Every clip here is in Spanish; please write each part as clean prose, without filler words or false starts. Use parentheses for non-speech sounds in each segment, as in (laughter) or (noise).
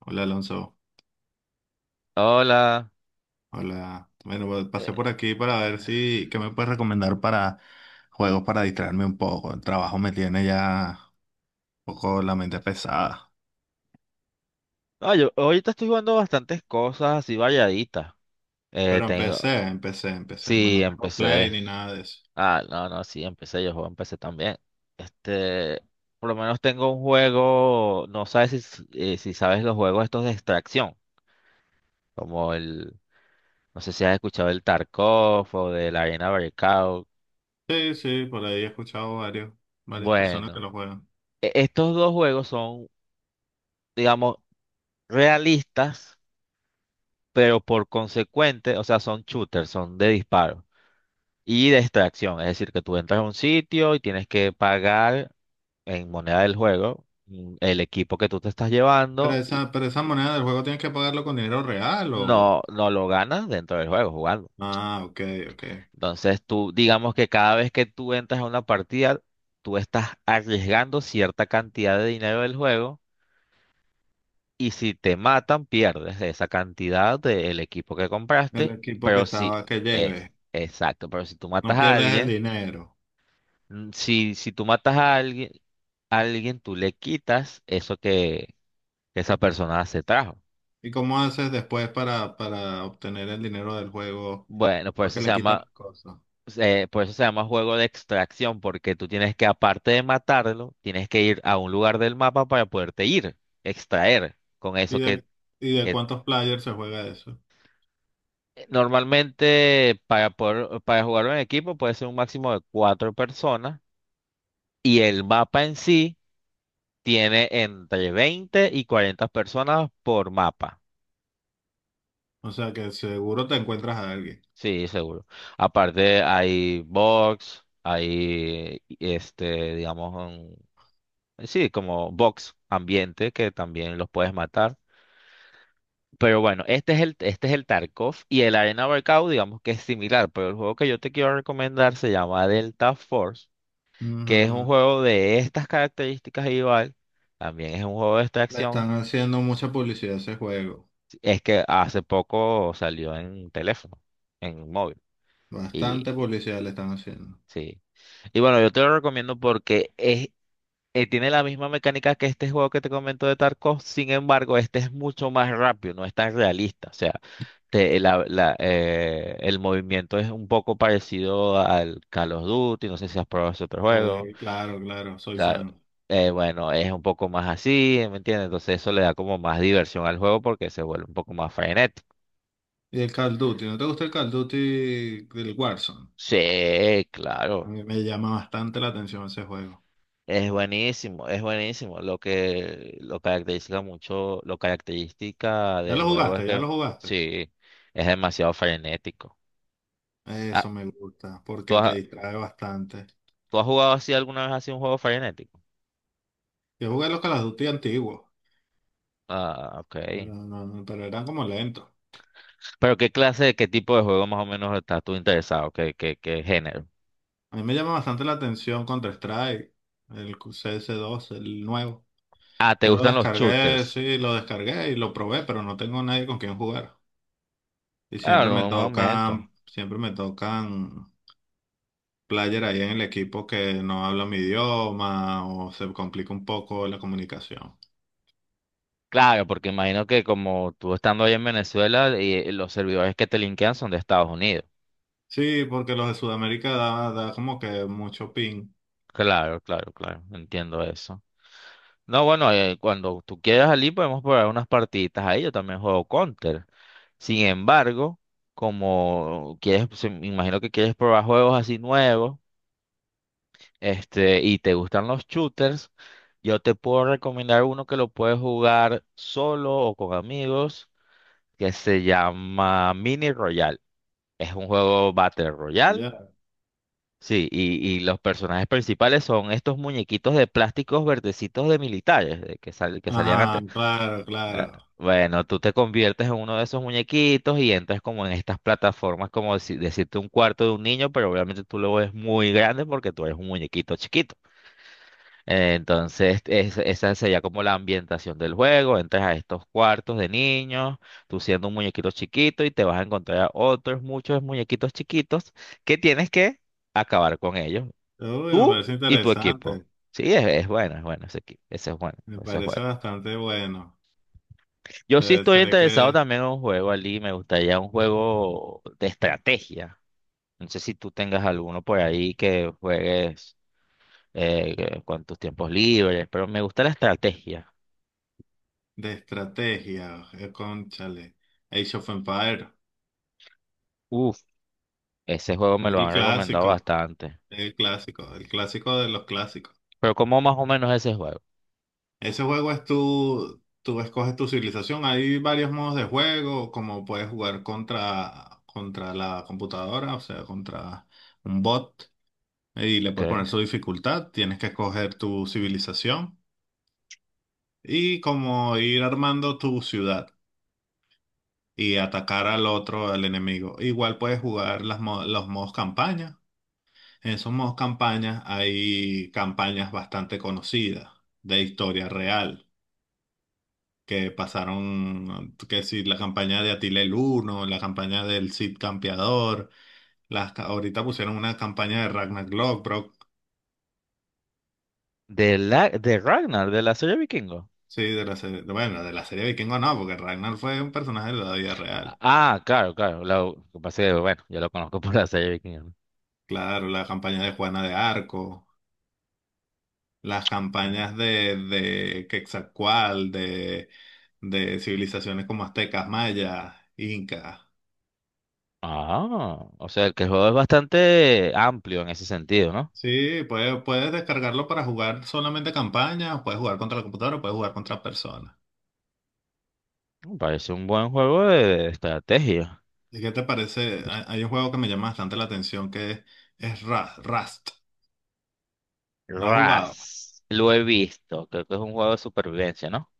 Hola Alonso, Hola. hola. Bueno, pues, pasé por Eh, aquí para ver si, qué me puedes recomendar para juegos para distraerme un poco. El trabajo me tiene ya un poco la mente pesada. no, yo ahorita estoy jugando bastantes cosas así variaditas. Eh, Pero tengo, empecé. Bueno, sí, no tengo empecé. play ni nada de eso. Ah, no, no, Sí, empecé, yo juego, empecé también. Este, por lo menos tengo un juego, si sabes los juegos estos de extracción, como el, no sé si has escuchado el Tarkov o de la Arena Breakout. Sí, sí, por ahí he escuchado varias personas que Bueno, lo juegan. Estos dos juegos son, digamos, realistas, pero por consecuente, o sea, son shooters, son de disparo. Y de extracción, es decir, que tú entras a un sitio y tienes que pagar en moneda del juego el equipo que tú te estás llevando y Pero esa moneda del juego tienes que pagarlo con dinero real o... no, no lo ganas dentro del juego jugando. Ah, ok, ok. Entonces tú, digamos que cada vez que tú entras a una partida, tú estás arriesgando cierta cantidad de dinero del juego y si te matan, pierdes esa cantidad del equipo que El compraste, equipo que pero si estaba, que es lleve. exacto, pero si tú matas No a pierdes el alguien, dinero. Si tú matas a alguien, alguien, tú le quitas eso que esa persona se trajo. ¿Y cómo haces después para obtener el dinero del juego? Bueno, Porque le quitan las cosas. Por eso se llama juego de extracción, porque tú tienes que, aparte de matarlo, tienes que ir a un lugar del mapa para poderte ir, extraer con eso ¿Y de, ¿Y de que cuántos players se juega eso? normalmente para poder, para jugarlo en equipo puede ser un máximo de cuatro personas y el mapa en sí tiene entre 20 y 40 personas por mapa. O sea que seguro te encuentras a alguien. Sí, seguro. Aparte hay box, digamos, sí, como box ambiente que también los puedes matar. Pero bueno, este es el Tarkov y el Arena Breakout, digamos que es similar, pero el juego que yo te quiero recomendar se llama Delta Force, que es un Ujú. juego de estas características igual, también es un juego de Le están extracción, haciendo mucha publicidad a ese juego. es que hace poco salió en teléfono, en móvil. Bastante publicidad le están haciendo. Sí. Y bueno, yo te lo recomiendo porque tiene la misma mecánica que este juego que te comento de Tarkov. Sin embargo, este es mucho más rápido, no es tan realista. O sea, el movimiento es un poco parecido al Call of Duty, no sé si has probado ese otro juego. Claro, claro, soy Claro. fan. Bueno, es un poco más así, ¿me entiendes? Entonces eso le da como más diversión al juego porque se vuelve un poco más frenético. ¿Y el Call of Duty? ¿No te gusta el Call of Duty del Warzone? Sí, A claro. mí me llama bastante la atención ese juego. Es buenísimo, es buenísimo. Lo que lo caracteriza mucho, lo característica ¿Ya del lo juego es jugaste? ¿Ya que lo jugaste? sí, es demasiado frenético. Ah, Eso me gusta, ¿tú porque te has, distrae bastante. ¿tú has jugado así alguna vez así un juego frenético? Yo jugué los Call of Duty antiguos, Ah, ok. pero, pero eran como lentos. Pero ¿qué clase, qué tipo de juego más o menos estás tú interesado? ¿Qué género? A mí me llama bastante la atención Counter-Strike, el CS2, el nuevo. Ah, ¿te Yo lo gustan los descargué, shooters? sí, lo descargué y lo probé, pero no tengo nadie con quien jugar. Y Ah, en un momento. Siempre me tocan player ahí en el equipo que no habla mi idioma o se complica un poco la comunicación. Claro, porque imagino que como tú estando ahí en Venezuela, y los servidores que te linkean son de Estados Unidos. Sí, porque los de Sudamérica da como que mucho ping. Claro, claro, claro. Entiendo eso. No, bueno, cuando tú quieras allí podemos probar unas partiditas ahí. Yo también juego Counter. Sin embargo, me imagino que quieres probar juegos así nuevos, y te gustan los shooters, yo te puedo recomendar uno que lo puedes jugar solo o con amigos, que se llama Mini Royale. Es un juego Battle Royale. Ya. Sí, y los personajes principales son estos muñequitos de plásticos verdecitos de militares, que salían Ajá, antes. claro, Ah, claro. bueno, tú te conviertes en uno de esos muñequitos y entras como en estas plataformas, como si- decirte un cuarto de un niño, pero obviamente tú lo ves muy grande porque tú eres un muñequito chiquito. Entonces, esa sería como la ambientación del juego. Entras a estos cuartos de niños, tú siendo un muñequito chiquito y te vas a encontrar a otros muchos muñequitos chiquitos que tienes que acabar con ellos, Uy, me tú parece y tu equipo. interesante. Sí, es bueno ese equipo, ese es bueno, Me ese es parece bueno. bastante bueno. Yo sí estoy Se ve interesado que también en un juego, Ali. Me gustaría un juego de estrategia. No sé si tú tengas alguno por ahí que juegues con tus tiempos libres, pero me gusta la estrategia. de estrategia, cónchale. Age of Empires, Uf, ese juego me es lo el han recomendado clásico, bastante. el clásico, el clásico de los clásicos. Pero ¿cómo más o menos ese juego? Ese juego es tú escoges tu civilización. Hay varios modos de juego, como puedes jugar contra la computadora, o sea, contra un bot, y le puedes Okay. poner su dificultad. Tienes que escoger tu civilización y como ir armando tu ciudad y atacar al otro, al enemigo. Igual puedes jugar las los modos campaña. En esos modos campaña hay campañas bastante conocidas de historia real que pasaron, que si la campaña de Atila el Uno, la campaña del Cid Campeador, las, ahorita pusieron una campaña de Ragnar Lothbrok, De, la, de Ragnar, de la serie Vikingo. sí, de la serie, bueno, de la serie Vikingo no, porque Ragnar fue un personaje de la vida real. Ah, claro, claro. Lo que pasa es que, bueno, yo lo conozco (laughs) por la serie Vikingo. Claro, la campaña de Juana de Arco, las ¿No? campañas de Quetzalcóatl, de civilizaciones como aztecas, mayas, incas. Ah, o sea, que el juego es bastante amplio en ese sentido, ¿no? Sí, puedes descargarlo para jugar solamente campañas, o puedes jugar contra la computadora, o puedes jugar contra personas. Parece un buen juego de estrategia. ¿Y qué te parece? Hay un juego que me llama bastante la atención es Rust. ¿Lo has jugado? Ras. Lo he visto. Creo que es un juego de supervivencia, ¿no?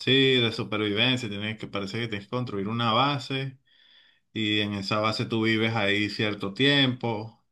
Sí, de supervivencia, parece que tienes que construir una base y en esa base tú vives ahí cierto tiempo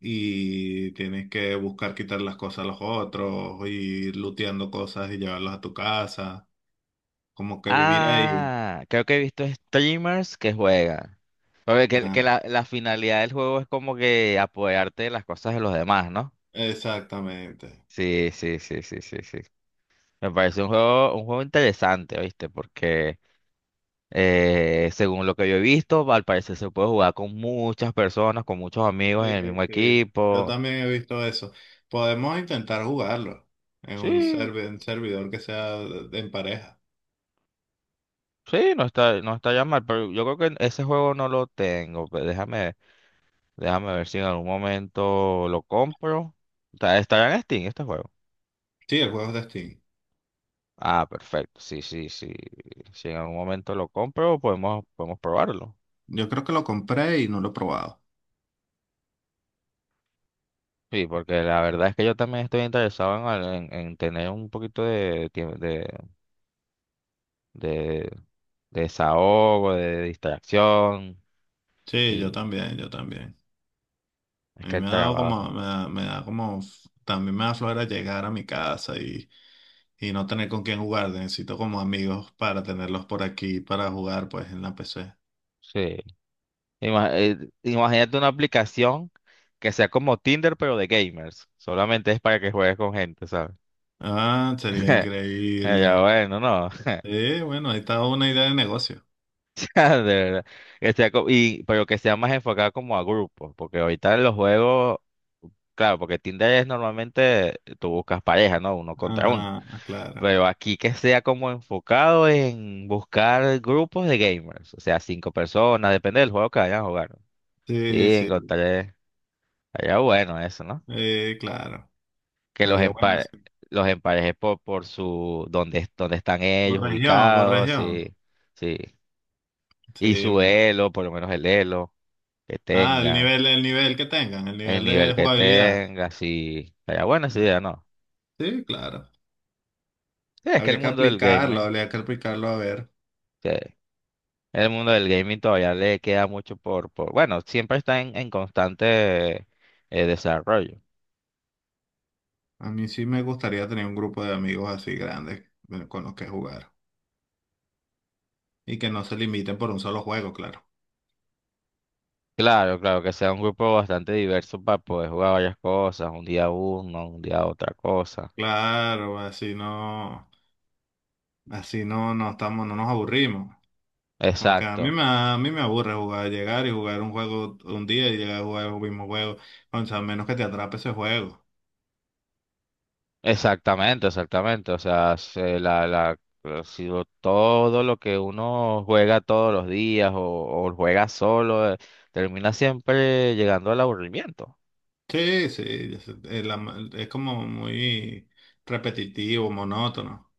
y tienes que buscar quitar las cosas a los otros, y ir looteando cosas y llevarlas a tu casa, como que vivir ahí. Ah, creo que he visto streamers que juegan. Que Ah, la finalidad del juego es como que apoderarte de las cosas de los demás, ¿no? exactamente. Sí, sí, sí, sí, sí, sí. Me parece un juego interesante, ¿viste? Porque según lo que yo he visto, al parecer se puede jugar con muchas personas, con muchos amigos en el mismo Sí, sí. Yo equipo. también he visto eso. Podemos intentar jugarlo en un Sí. En servidor que sea en pareja. Sí, no está, no está ya mal, pero yo creo que ese juego no lo tengo. Pero déjame, déjame ver si en algún momento lo compro. Está, estará en Steam este juego. Sí, el juego es de Steam. Ah, perfecto. Sí, sí, sí. Si en algún momento lo compro, podemos, podemos probarlo. Yo creo que lo compré y no lo he probado. Sí, porque la verdad es que yo también estoy interesado en tener un poquito de, de desahogo, de distracción. Sí, yo Y también, yo también. es A mí que el me ha dado como, trabajo. Me da como, también me da flojera llegar a mi casa y no tener con quién jugar. Necesito como amigos para tenerlos por aquí para jugar pues en la PC. Sí. Ima- eh, imagínate una aplicación que sea como Tinder, pero de gamers. Solamente es para que juegues con gente, ¿sabes? Ah, sería (laughs) Ya, increíble. bueno, no. (laughs) Bueno, ahí está una idea de negocio. (laughs) De verdad. Que sea co- y, pero que sea más enfocada como a grupos, porque ahorita en los juegos, claro, porque Tinder es normalmente tú buscas pareja, ¿no? Uno contra uno. Ajá, claro. Pero aquí que sea como enfocado en buscar grupos de gamers, o sea, cinco personas, depende del juego que vayan a jugar, ¿no? Sí, Sí, sí, encontraré. Allá bueno eso, ¿no? Claro. que los Haría bueno empa- sí. los emparejes por, donde están Por ellos región, por ubicados, región. sí, sí. Y Sí, su elo, por lo menos el elo que ah, tengan, el nivel que tengan, el el nivel nivel de que jugabilidad. tenga, sí. Estaría buena esa Ah, idea, ¿no? sí, claro. Sí, es que el mundo del gaming, Habría que aplicarlo a ver. sí, el mundo del gaming todavía le queda mucho por, bueno, siempre está en constante desarrollo. A mí sí me gustaría tener un grupo de amigos así grandes con los que jugar. Y que no se limiten por un solo juego, claro. Claro, claro, que sea un grupo bastante diverso para poder jugar varias cosas, un día uno, un día otra cosa. Claro, así no, no estamos, no nos aburrimos. Porque Exacto. A mí me aburre jugar, llegar y jugar un juego un día y llegar a jugar el mismo juego. O sea, a menos que te atrape ese juego. Exactamente, exactamente. O sea, ha sido todo lo que uno juega todos los días o juega solo, termina siempre llegando al aburrimiento. Sí, sí, es es como muy repetitivo, monótono.